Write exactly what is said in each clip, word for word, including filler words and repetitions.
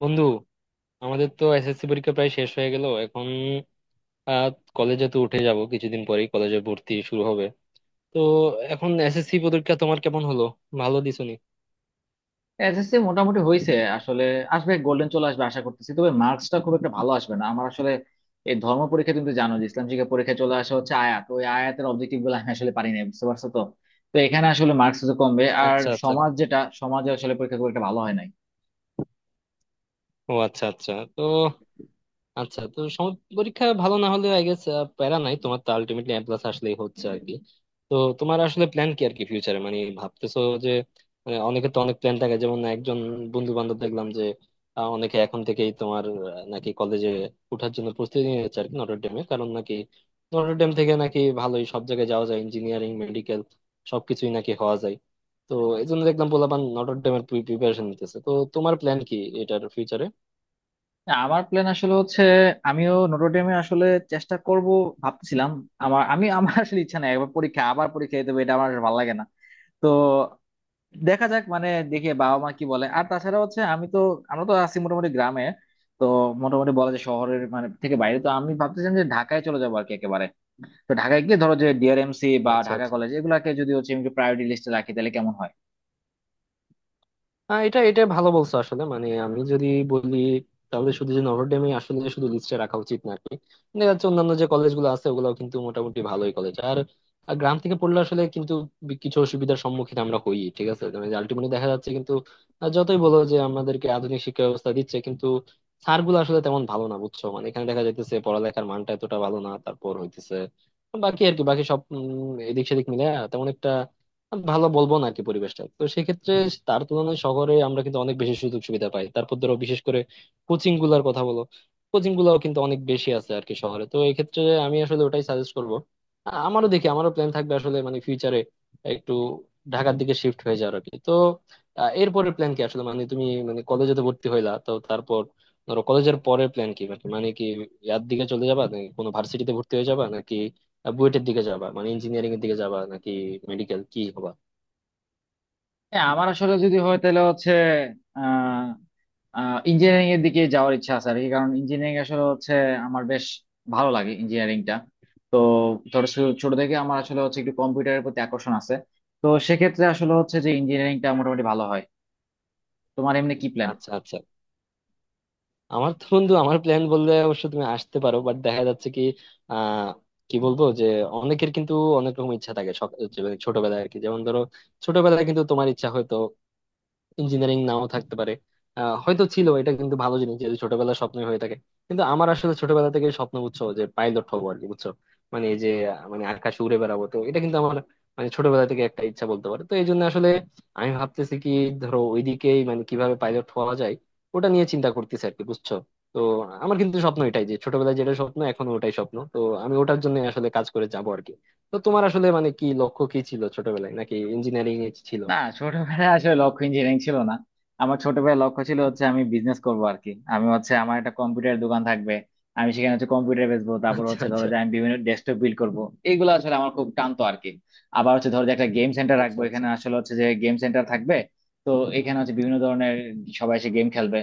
বন্ধু, আমাদের তো এসএসসি পরীক্ষা প্রায় শেষ হয়ে গেল এখন। আহ, কলেজে তো উঠে যাব, কিছুদিন পরেই কলেজে ভর্তি শুরু হবে। তো এখন এসএসসি পরীক্ষা তোমার কেমন হলো? ভালো দিছনি? এসএসসি মোটামুটি হয়েছে আসলে। আসবে, গোল্ডেন চলে আসবে আশা করতেছি, তবে মার্কসটা খুব একটা ভালো আসবে না আমার আসলে। এই ধর্ম পরীক্ষা, তুমি তো জানো যে ইসলাম শিক্ষা পরীক্ষায় চলে আসা হচ্ছে আয়াত, ওই আয়াতের অবজেক্টিভ গুলো আমি আসলে পারি না, বুঝতে পারছো তো। তো এখানে আসলে মার্কস তো কমবে, আর আচ্ছা, আচ্ছা। সমাজ, যেটা সমাজে আসলে পরীক্ষা খুব একটা ভালো হয় নাই। ও আচ্ছা, আচ্ছা। তো আচ্ছা, তো সম- পরীক্ষা ভালো না হলে আই গেস প্যারা নাই, তোমার তো আলটিমেটলি এ প্লাস আসলেই হচ্ছে আর কি। তো তোমার আসলে প্ল্যান কি আর কি ফিউচারে, মানে ভাবতেছো যে মানে অনেকে তো অনেক প্ল্যান থাকে, যেমন একজন বন্ধু বান্ধব দেখলাম যে আহ, অনেকে এখন থেকেই তোমার আহ, নাকি কলেজে ওঠার জন্য প্রস্তুতি নিয়ে যাচ্ছে আর কি, নটর ডেমে, কারণ নাকি নটর ডেম থেকে নাকি ভালোই সব জায়গায় যাওয়া যায়, ইঞ্জিনিয়ারিং, মেডিকেল, সবকিছুই নাকি হওয়া যায়। তো এই জন্য দেখলাম পোলাপান নটর ডেমের প্রিপারেশন নিতেছে। তো তোমার প্ল্যান কি এটার ফিউচারে? না, আমার প্ল্যান আসলে হচ্ছে আমিও নোটোডেমে আসলে চেষ্টা করব, ভাবছিলাম। আমার আমি আমার আসলে ইচ্ছা নাই একবার পরীক্ষা আবার পরীক্ষা দিতে হবে, এটা আমার ভালো লাগে না। তো দেখা যাক, মানে দেখি বাবা মা কি বলে। আর তাছাড়া হচ্ছে আমি তো, আমরা তো আছি মোটামুটি গ্রামে। তো মোটামুটি বলা যায় শহরের মানে থেকে বাইরে, তো আমি ভাবতেছিলাম যে ঢাকায় চলে যাবো আর কি একেবারে। তো ঢাকায় গিয়ে ধরো যে ডিআরএমসি বা আচ্ছা, ঢাকা আচ্ছা। কলেজ, এগুলাকে যদি হচ্ছে আমি প্রায়োরিটি লিস্টে রাখি তাহলে কেমন হয়? আহ, এটা, এটা ভালো বলছো আসলে, মানে আমি যদি বলি তাহলে শুধু যে নভরডেমে আসলে শুধু লিস্টে রাখা উচিত না আর কি। দেখা যাচ্ছে অন্যান্য যে কলেজগুলো আছে ওগুলাও কিন্তু মোটামুটি ভালোই কলেজ। আর আর গ্রাম থেকে পড়লে আসলে কিন্তু বি- কিছু অসুবিধার সম্মুখীন আমরা হই। ঠিক আছে, মানে আলটিমেটলি দেখা যাচ্ছে কিন্তু আহ, যতই বলো যে আমাদেরকে আধুনিক শিক্ষা ব্যবস্থা দিচ্ছে, কিন্তু স্যারগুলো আসলে তেমন ভালো না, বুঝছো? মানে এখানে দেখা যাইতেছে পড়ালেখার মানটা এতটা ভালো না। তারপর হইতেছে বাকি, আর কি বাকি সব উম, এদিক সেদিক মিলে তেমন একটা ভালো বলবো না আর কি, পরিবেশটা তো সেক্ষেত্রে। তার তুলনায় শহরে আমরা কিন্তু অনেক বেশি সুযোগ সুবিধা পাই। তারপর ধরো, বিশেষ করে কোচিং গুলার কথা বলো, কোচিং গুলাও কিন্তু অনেক বেশি আছে আর কি শহরে, তো এই ক্ষেত্রে আমি আসলে ওটাই সাজেস্ট করব। আ- আমারও দেখি আমারও প্ল্যান থাকবে আসলে মানে ফিউচারে একটু ঢাকার দিকে শিফট হয়ে যাওয়ার আর কি। তো আ, এরপরের প্ল্যান কি আসলে, মানে তুমি, মানে কলেজে তো ভর্তি হইলা, তো তারপর ধরো কলেজের পরের প্ল্যান কি, মানে মানে কি ইয়ার দিকে চলে যাবা নাকি কোনো ভার্সিটিতে ভর্তি হয়ে যাবা নাকি বুয়েটের দিকে যাবা, মানে ইঞ্জিনিয়ারিং এর দিকে যাবা নাকি মেডিকেল কি হবা? হ্যাঁ, আমার আসলে যদি হয় তাহলে হচ্ছে আহ ইঞ্জিনিয়ারিং এর দিকে যাওয়ার ইচ্ছা আছে আর কি। কারণ ইঞ্জিনিয়ারিং আসলে হচ্ছে আমার বেশ ভালো লাগে ইঞ্জিনিয়ারিংটা। ধরো শু- ছোট থেকে আমার আসলে হচ্ছে একটু কম্পিউটারের প্রতি আকর্ষণ আছে। তো সেক্ষেত্রে আসলে হচ্ছে যে ইঞ্জিনিয়ারিংটা মোটামুটি ভালো হয়। তোমার এমনি কি প্ল্যান? আচ্ছা, আচ্ছা। আমার তো বন্ধু আমার প্ল্যান বললে অবশ্য তুমি আসতে পারো, বাট দেখা যাচ্ছে কি আহ কি বলবো যে অনেকের কিন্তু অনেক রকম ইচ্ছা থাকে সক- যে ছোটবেলায় আর কি, যেমন ধরো ছোটবেলায় কিন্তু তোমার ইচ্ছা হয়তো ইঞ্জিনিয়ারিং নাও থাকতে পারে, আহ, হয়তো ছিল, এটা কিন্তু ভালো জিনিস যদি ছোটবেলার স্বপ্ন হয়ে থাকে। কিন্তু আমার আসলে ছোটবেলা থেকে স্বপ্ন, বুঝছো, যে পাইলট হবো আর কি, বুঝছো, মানে এই যে আহ, মানে আকাশে উড়ে বেড়াবো। তো এটা কিন্তু আমার মানে ছোটবেলা থেকে একটা ইচ্ছা বলতে পারে। তো এই জন্য আসলে আমি ভাবতেছি কি ধরো ওইদিকেই, মানে কিভাবে পাইলট হওয়া যায় ওটা নিয়ে চিন্তা করতেছি আর কি, বুঝছো। তো আমার কিন্তু স্বপ্ন এটাই যে ছোটবেলায় যেটা স্বপ্ন এখন ওটাই স্বপ্ন। তো আমি ওটার জন্য আসলে কাজ করে যাবো আর কি। তো তোমার আসলে মানে কি লক্ষ্য কি ছিল ছোটবেলায়, নাকি ইঞ্জিনিয়ারিং এ ছিল? না, ছোটবেলায় আসলে লক্ষ্য ইঞ্জিনিয়ারিং ছিল না। আমার ছোটবেলায় লক্ষ্য ছিল হচ্ছে আমি বিজনেস করবো আর কি। আমি হচ্ছে আমার একটা কম্পিউটার দোকান থাকবে, আমি সেখানে হচ্ছে কম্পিউটার বেচবো। তারপর আচ্ছা, হচ্ছে ধরো আচ্ছা। যে আমি বিভিন্ন ডেস্কটপ বিল্ড করবো, এইগুলো আসলে আমার খুব টানতো আর কি। আবার হচ্ছে ধরো যে একটা গেম সেন্টার আচ্ছা, রাখবো, আচ্ছা। এখানে আসলে হচ্ছে যে গেম সেন্টার থাকবে। তো এখানে হচ্ছে বিভিন্ন ধরনের, সবাই এসে গেম খেলবে।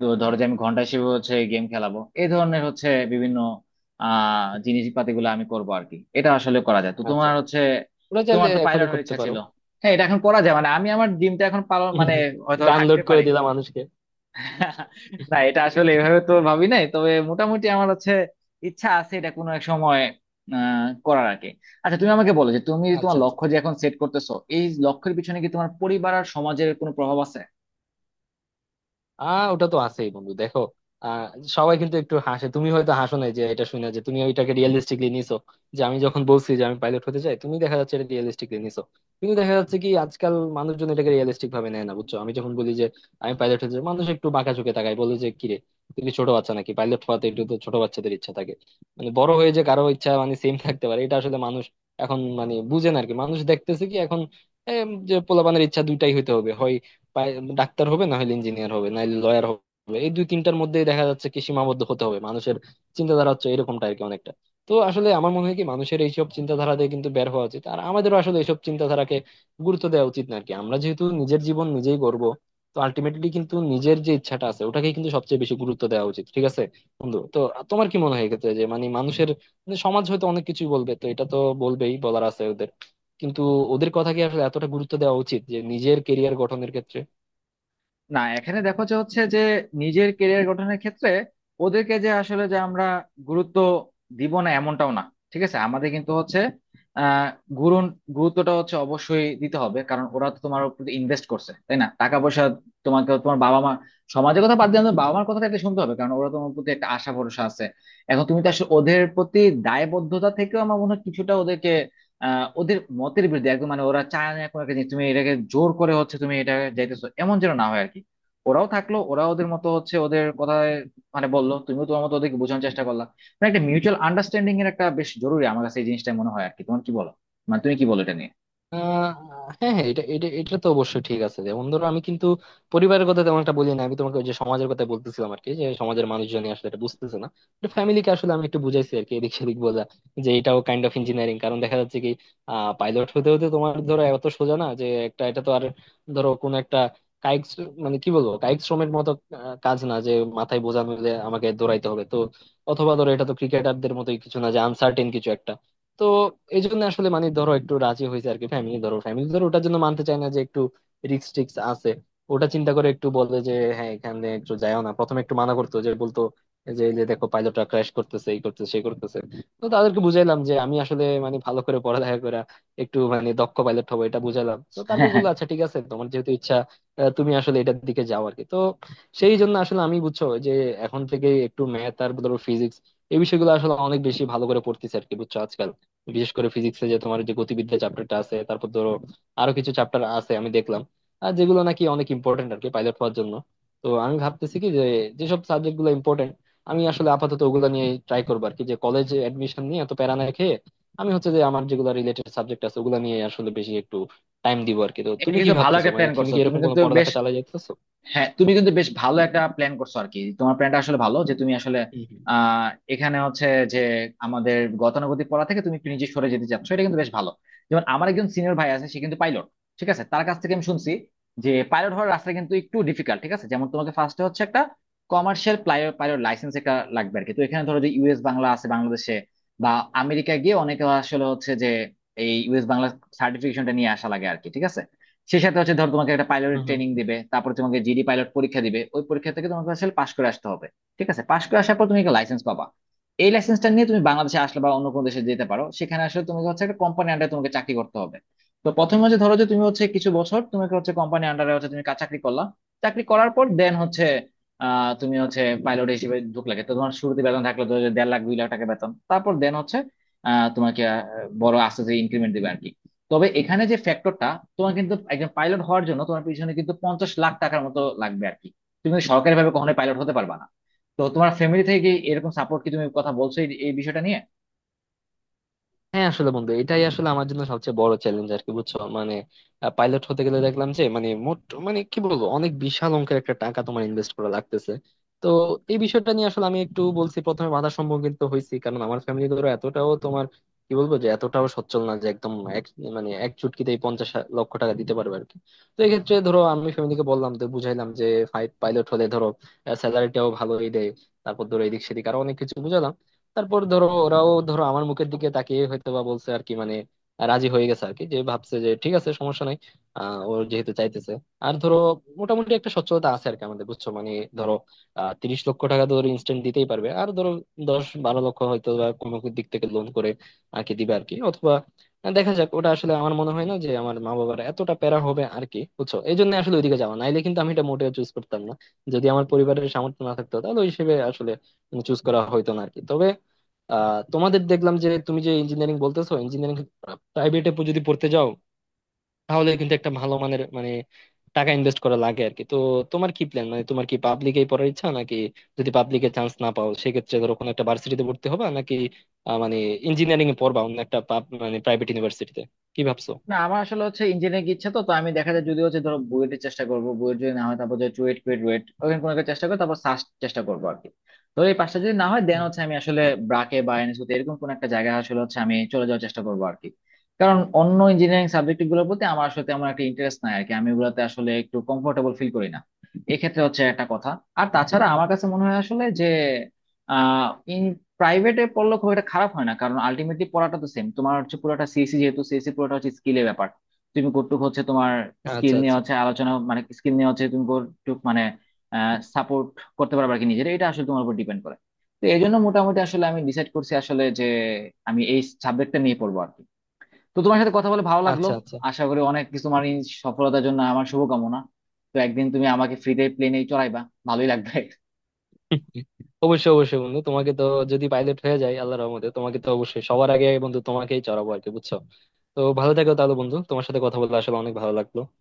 তো ধরো যে আমি ঘন্টা হিসেবে হচ্ছে গেম খেলাবো, এই ধরনের হচ্ছে বিভিন্ন আহ জিনিসপাতিগুলো আমি করবো আর কি। এটা আসলে করা যায় তো। আচ্ছা, তোমার আচ্ছা। হচ্ছে, ওটা তোমার চাইলে তো পাইলট এখনই হওয়ার করতে ইচ্ছা পারো। ছিল, হ্যাঁ এটা এখন করা যায়, মানে আমি আমার ড্রিমটা এখন পালন মানে হয়তো গান রাখতে লোড করে পারি। দিলাম মানুষকে। না, এটা আসলে এভাবে তো ভাবি নাই, তবে মোটামুটি আমার হচ্ছে ইচ্ছা আছে এটা কোনো এক সময় আহ করার আর কি। আচ্ছা, তুমি আমাকে বলো যে তুমি তোমার আচ্ছা, আচ্ছা। লক্ষ্য যে এখন সেট করতেছো, এই লক্ষ্যের পিছনে কি তোমার পরিবার আর সমাজের কোনো প্রভাব আছে? আহ ওটা তো আছেই বন্ধু, দেখো আহ সবাই কিন্তু একটু হাসে, তুমি হয়তো হাসো না, যে এটা শুনে যে তুমি ওইটাকে রিয়েলিস্টিকলি নিছো, যে আমি যখন বলছি যে আমি পাইলট হতে চাই, তুমি দেখা যাচ্ছে এটা রিয়েলিস্টিকলি নিছো। কিন্তু দেখা যাচ্ছে কি আজকাল মানুষজন এটাকে রিয়েলিস্টিক ভাবে নেয় না, বুঝছো। আমি যখন বলি যে আমি পাইলট হতে চাই, মানুষ একটু বাঁকা চোখে তাকায়, বলে যে কিরে তুই কি ছোট বাচ্চা নাকি, পাইলট হওয়াতে একটু তো ছোট বাচ্চাদের ইচ্ছা থাকে, মানে বড় হয়ে যে কারো ইচ্ছা মানে সেম থাকতে পারে এটা আসলে মানুষ এখন মানে বুঝে না আর কি। মানুষ দেখতেছে কি এখন এম, যে পোলাপানের ইচ্ছা দুইটাই হইতে হবে, হয় পাই- ডাক্তার হবে, না হলে ইঞ্জিনিয়ার হবে, নাহলে লয়ার হবে। এই দুই তিনটার মধ্যেই দেখা যাচ্ছে কি সীমাবদ্ধ হতে হবে, মানুষের চিন্তাধারা হচ্ছে এরকমটা আর কি অনেকটা। তো আসলে আমার মনে হয় কি মানুষের এইসব চিন্তাধারা থেকে কিন্তু বের হওয়া উচিত, আর আমাদেরও আসলে এইসব চিন্তাধারাকে গুরুত্ব দেওয়া উচিত না আর কি। আমরা যেহেতু নিজের জীবন নিজেই গড়বো, তো আলটিমেটলি কিন্তু নিজের যে ইচ্ছাটা আছে ওটাকে কিন্তু সবচেয়ে বেশি গুরুত্ব দেওয়া উচিত, ঠিক আছে বন্ধু। তো তোমার কি মনে হয় এক্ষেত্রে যে মানে মানুষের, মানে সমাজ হয়তো অনেক কিছুই বলবে, তো এটা তো বলবেই, বলার আছে ওদের। কিন্তু ওদের কথা কি আসলে এতটা গুরুত্ব দেওয়া উচিত যে নিজের কেরিয়ার গঠনের ক্ষেত্রে? না, এখানে দেখো যে হচ্ছে যে নিজের কেরিয়ার গঠনের ক্ষেত্রে ওদেরকে যে আসলে যে আমরা গুরুত্ব দিব না, এমনটাও না। ঠিক আছে, আমাদের কিন্তু হচ্ছে আহ গুরুন- গুরুত্বটা হচ্ছে অবশ্যই দিতে হবে, কারণ ওরা তো তোমার প্রতি ইনভেস্ট করছে, তাই না? টাকা পয়সা তোমাকে তোমার বাবা মা। সমাজের কথা বাদ দিয়ে আমাদের বাবা মার কথাটা একটা শুনতে হবে, কারণ ওরা তোমার প্রতি একটা আশা ভরসা আছে। এখন তুমি তো আসলে ওদের প্রতি দায়বদ্ধতা থেকেও আমার মনে হয় কিছুটা ওদেরকে আহ ওদের মতের বিরুদ্ধে একদম, মানে ওরা চায় না কোনো একটা জিনিস, তুমি এটাকে জোর করে হচ্ছে তুমি এটা যাইতেছো, এমন যেন না হয় আর কি। ওরাও থাকলো, ওরা ওদের মতো হচ্ছে ওদের কথায় মানে বললো, তুমিও তোমার মতো ওদেরকে বোঝানোর চেষ্টা করলা। মানে একটা মিউচুয়াল আন্ডারস্ট্যান্ডিং এর একটা বেশ জরুরি আমার কাছে এই জিনিসটা মনে হয় আর কি। তোমার কি বলো, মানে তুমি কি বলো এটা নিয়ে? আহ হ্যাঁ, হ্যাঁ, এটা এটা এটা তো অবশ্যই ঠিক আছে। যেমন ধরো আমি কিন্তু পরিবারের কথা তেমন একটা বলি না, আমি তোমাকে ওই যে সমাজের কথা বলতেছিলাম আর কি, যে সমাজের মানুষজন আসলে এটা বুঝতেছে না। ফ্যামিলিকে আসলে আমি একটু বুঝাইছি আর কি, এদিক সেদিক বোঝা যে এটাও কাইন্ড অফ ইঞ্জিনিয়ারিং, কারণ দেখা যাচ্ছে কি আহ পাইলট হতে হতে তোমার ধরো এত সোজা না যে একটা, এটা তো আর ধরো কোন একটা কায়িক শ্র- মানে কি বলবো কায়িক শ্রমের মতো আহ, কাজ না যে মাথায় বোঝা নিলে আমাকে দৌড়াইতে হবে। তো অথবা ধরো এটা তো ক্রিকেটারদের মতোই কিছু না যে আনসার্টেন কিছু একটা। তো এই জন্য আসলে মানে ধরো একটু রাজি হয়েছে আর কি ফ্যামিলি ধরো ফ্যামিলি ধরো ওটার জন্য মানতে চায় না যে একটু রিক্স টিক্স আছে ওটা চিন্তা করে একটু বলে যে হ্যাঁ এখানে একটু যাও না। প্রথমে একটু মানা করতো, যে বলতো যে এই যে দেখো পাইলটরা ক্র্যাশ করতেছে, এই করতেছে সেই করতেছে। তো তাদেরকে বুঝাইলাম যে আমি আসলে মানে ভালো করে পড়ালেখা করে একটু মানে দক্ষ পাইলট হবো, এটা বুঝাইলাম। তো হ্যাঁ, তারপর হ্যাঁ, বললো আচ্ছা ঠিক আছে তোমার যেহেতু ইচ্ছা আহ, তুমি আসলে এটার দিকে যাও আর কি। তো সেই জন্য আসলে আমি, বুঝছো যে এখন থেকে একটু ম্যাথ আর ধরো ফিজিক্স, এই বিষয়গুলো আসলে অনেক বেশি ভালো করে পড়তেছি আর কি, বুঝছো, আজকাল। বিশেষ করে ফিজিক্সে যে তোমার যে গতিবিদ্যা চ্যাপ্টারটা আছে, তারপর ধরো আরো কিছু চ্যাপ্টার আছে আমি দেখলাম, আর যেগুলো নাকি অনেক ইম্পর্টেন্ট আর কি পাইলট হওয়ার জন্য। তো আমি ভাবতেছি কি যে যেসব সাবজেক্ট গুলো ইম্পর্টেন্ট আমি আসলে আপাতত ওগুলো নিয়ে ট্রাই করবো আর কি, যে কলেজ এডমিশন নিয়ে এত প্যারা না খেয়ে আমি হচ্ছে যে আমার যেগুলো রিলেটেড সাবজেক্ট আছে ওগুলো নিয়ে আসলে বেশি একটু টাইম দিব আর কি। তো এটা তুমি কি কিন্তু ভালো ভাবতেছো, একটা মানে প্ল্যান তুমি করছো কি তুমি এরকম কোনো কিন্তু বেশ। পড়ালেখা চালাই যাইতেছো? হ্যাঁ, তুমি কিন্তু বেশ ভালো একটা প্ল্যান করছো আর কি। তোমার প্ল্যানটা আসলে ভালো যে তুমি আসলে হুম। আহ এখানে হচ্ছে যে আমাদের গতানুগতিক পড়া থেকে তুমি একটু নিজে সরে যেতে চাচ্ছ, এটা কিন্তু বেশ ভালো। যেমন আমার একজন সিনিয়র ভাই আছে, সে কিন্তু পাইলট। ঠিক আছে, তার কাছ থেকে আমি শুনছি যে পাইলট হওয়ার রাস্তা কিন্তু একটু ডিফিকাল্ট। ঠিক আছে, যেমন তোমাকে ফার্স্টে হচ্ছে একটা কমার্শিয়াল পাইলট লাইসেন্স একটা লাগবে আর কি। তো এখানে ধরো যে ইউএস বাংলা আছে বাংলাদেশে, বা আমেরিকা গিয়ে অনেকে আসলে হচ্ছে যে এই ইউএস বাংলা সার্টিফিকেশনটা নিয়ে আসা লাগে আর কি। ঠিক আছে, সে সাথে হচ্ছে ধর তোমাকে একটা পাইলট ট্রেনিং হুম। দিবে, তারপর তোমাকে জিডি পাইলট পরীক্ষা দিবে, ওই পরীক্ষা থেকে তোমাকে আসলে পাশ করে আসতে হবে। ঠিক আছে, পাশ করে আসার পর তুমি একটা লাইসেন্স পাবা। এই লাইসেন্সটা নিয়ে তুমি বাংলাদেশে আসলে বা অন্য কোনো দেশে যেতে পারো, সেখানে আসলে তোমাকে হচ্ছে একটা কোম্পানি আন্ডারে তোমাকে চাকরি করতে হবে। তো প্রথমে হচ্ছে ধরো যে তুমি হচ্ছে কিছু বছর তোমাকে হচ্ছে কোম্পানি আন্ডারে হচ্ছে তুমি কাজ চাকরি করলা। চাকরি করার পর দেন হচ্ছে আহ তুমি হচ্ছে পাইলট হিসেবে ঢুকলাকে, তো তোমার শুরুতে বেতন থাকলো ধরো যে দেড় লাখ দুই লাখ টাকা বেতন। তারপর দেন হচ্ছে আহ তোমাকে আহ, বড় আস্তে আস্তে ইনক্রিমেন্ট দিবে আর কি। তবে এখানে যে ফ্যাক্টরটা, তোমার কিন্তু একজন পাইলট হওয়ার জন্য তোমার পিছনে কিন্তু পঞ্চাশ লাখ টাকার মতো লাগবে আর কি। তুমি সরকারি ভাবে কখনোই পাইলট হতে পারবা না। তো তোমার ফ্যামিলি থেকে কি এরকম সাপোর্ট, কি তুমি কথা বলছো এই এই বিষয়টা নিয়ে? হ্যাঁ আসলে বন্ধু এটাই আসলে আমার জন্য সবচেয়ে বড় চ্যালেঞ্জ আর কি, বুঝছো মানে পাইলট হতে গেলে দেখলাম যে মানে মোট মানে কি বলবো অনেক বিশাল অঙ্কের একটা টাকা তোমার ইনভেস্ট করা লাগতেছে। তো এই বিষয়টা নিয়ে আসলে আমি একটু বলছি, প্রথমে বাধার সম্মুখীন তো হয়েছি, কারণ আমার ফ্যামিলি ধরো এতটাও তোমার কি বলবো যে এতটাও সচ্ছল না যে একদম এক মানে এক চুটকিতেই পঞ্চাশ লক্ষ টাকা দিতে পারবে আর কি। তো এক্ষেত্রে ধরো আমি ফ্যামিলিকে বললাম, তো বুঝাইলাম যে ফাইভ পাইলট হলে ধরো স্যালারিটাও ভালোই দেয়। তারপর ধরো এদিক সেদিক আরো অনেক কিছু বুঝালাম। তারপর ধরো ওরাও ধরো আমার মুখের দিকে তাকিয়ে হয়তো বা বলছে আর কি, মানে রাজি হয়ে গেছে আর কি, যে ভাবছে যে ঠিক আছে সমস্যা নাই আহ ওর যেহেতু চাইতেছে। আর ধরো মোটামুটি একটা সচ্ছলতা আছে আর কি আমাদের, বুঝছো মানে ধরো আহ তিরিশ লক্ষ টাকা ধরো ইনস্ট্যান্ট দিতেই পারবে, আর ধরো দশ বারো লক্ষ হয়তো বা কোনো দিক থেকে লোন করে আর কি দিবে আর কি, অথবা দেখা যাক। ওটা আসলে আমার মনে হয় না যে আমার মা বাবার এতটা প্যারা হবে আর কি, বুঝছো, এই জন্য আসলে ওইদিকে যাওয়া, নাইলে কিন্তু আমি এটা মোটেও চুজ করতাম না। যদি আমার পরিবারের সামর্থ্য না থাকতো তাহলে ওই হিসেবে আসলে চুজ করা হইতো না আর কি। তবে আহ তোমাদের দেখলাম যে তুমি যে ইঞ্জিনিয়ারিং বলতেছো, ইঞ্জিনিয়ারিং প্রাইভেটে যদি পড়তে যাও তাহলে কিন্তু একটা ভালো মানের মানে টাকা ইনভেস্ট করা লাগে আর কি। তো তোমার কি প্ল্যান, মানে তোমার কি পাবলিকেই পড়ার ইচ্ছা, নাকি যদি পাবলিকে চান্স না পাও সেক্ষেত্রে ধরো কোনো একটা ভার্সিটিতে ভর্তি হবা নাকি আহ, মানে ইঞ্জিনিয়ারিং এ পড়বা অন্য একটা pub- মানে প্রাইভেট ইউনিভার্সিটিতে, কি ভাবছো? না, আমার আসলে হচ্ছে ইঞ্জিনিয়ারিং ইচ্ছা। তো তো আমি দেখা যায় যদি হচ্ছে ধরো বুয়েটের চেষ্টা করবো, বুয়েট যদি না হয় তারপর যে চুয়েট, কুয়েট, রুয়েট ওখানে কোনো একটা চেষ্টা করবো, তারপর সাস্ট চেষ্টা করবো আর কি। তো এই পাঁচটা যদি না হয় দেন হুম। হচ্ছে আমি আসলে ব্রাকে বা এনএসইউতে এরকম কোনো একটা জায়গায় আসলে হচ্ছে আমি চলে যাওয়ার চেষ্টা করবো আর কি। কারণ অন্য ইঞ্জিনিয়ারিং সাবজেক্ট গুলোর প্রতি আমার আসলে তেমন একটা ইন্টারেস্ট নাই আর কি, আমি ওগুলাতে আসলে একটু কমফোর্টেবল ফিল করি না। এক্ষেত্রে হচ্ছে একটা কথা। আর তাছাড়া আমার কাছে মনে হয় আসলে যে প্রাইভেটে পড়লে খুব একটা খারাপ হয় না, কারণ আলটিমেটলি পড়াটা তো সেম। তোমার হচ্ছে পুরোটা সিএসসি, যেহেতু সিএসসি পুরোটা হচ্ছে স্কিলের ব্যাপার। তুমি কতটুকু হচ্ছে তোমার স্কিল আচ্ছা, নিয়ে আচ্ছা। হচ্ছে আলোচনা, মানে স্কিল নিয়ে হচ্ছে তুমি কতটুকু মানে সাপোর্ট করতে পারবে আর কি নিজের, এটা আসলে তোমার উপর ডিপেন্ড করে। তো এই জন্য মোটামুটি আসলে আমি ডিসাইড করছি আসলে যে আমি এই সাবজেক্টটা নিয়ে পড়বো আর কি। তো তোমার সাথে কথা বলে ভালো লাগলো। আচ্ছা, আচ্ছা। আশা করি অনেক কিছু তোমার এই সফলতার জন্য আমার শুভকামনা। তো একদিন তুমি আমাকে ফ্রিতে প্লেনে চড়াইবা, ভালোই লাগবে। অবশ্যই, অবশ্যই বন্ধু, তোমাকে তো যদি পাইলট হয়ে যায় আল্লাহ রহমতে তোমাকে তো অবশ্যই সবার আগে, বন্ধু তোমাকেই চড়াবো আর কি, বুঝছো। তো ভালো থাকো তাহলে বন্ধু, তোমার সাথে কথা বলতে আসলে অনেক ভালো লাগলো।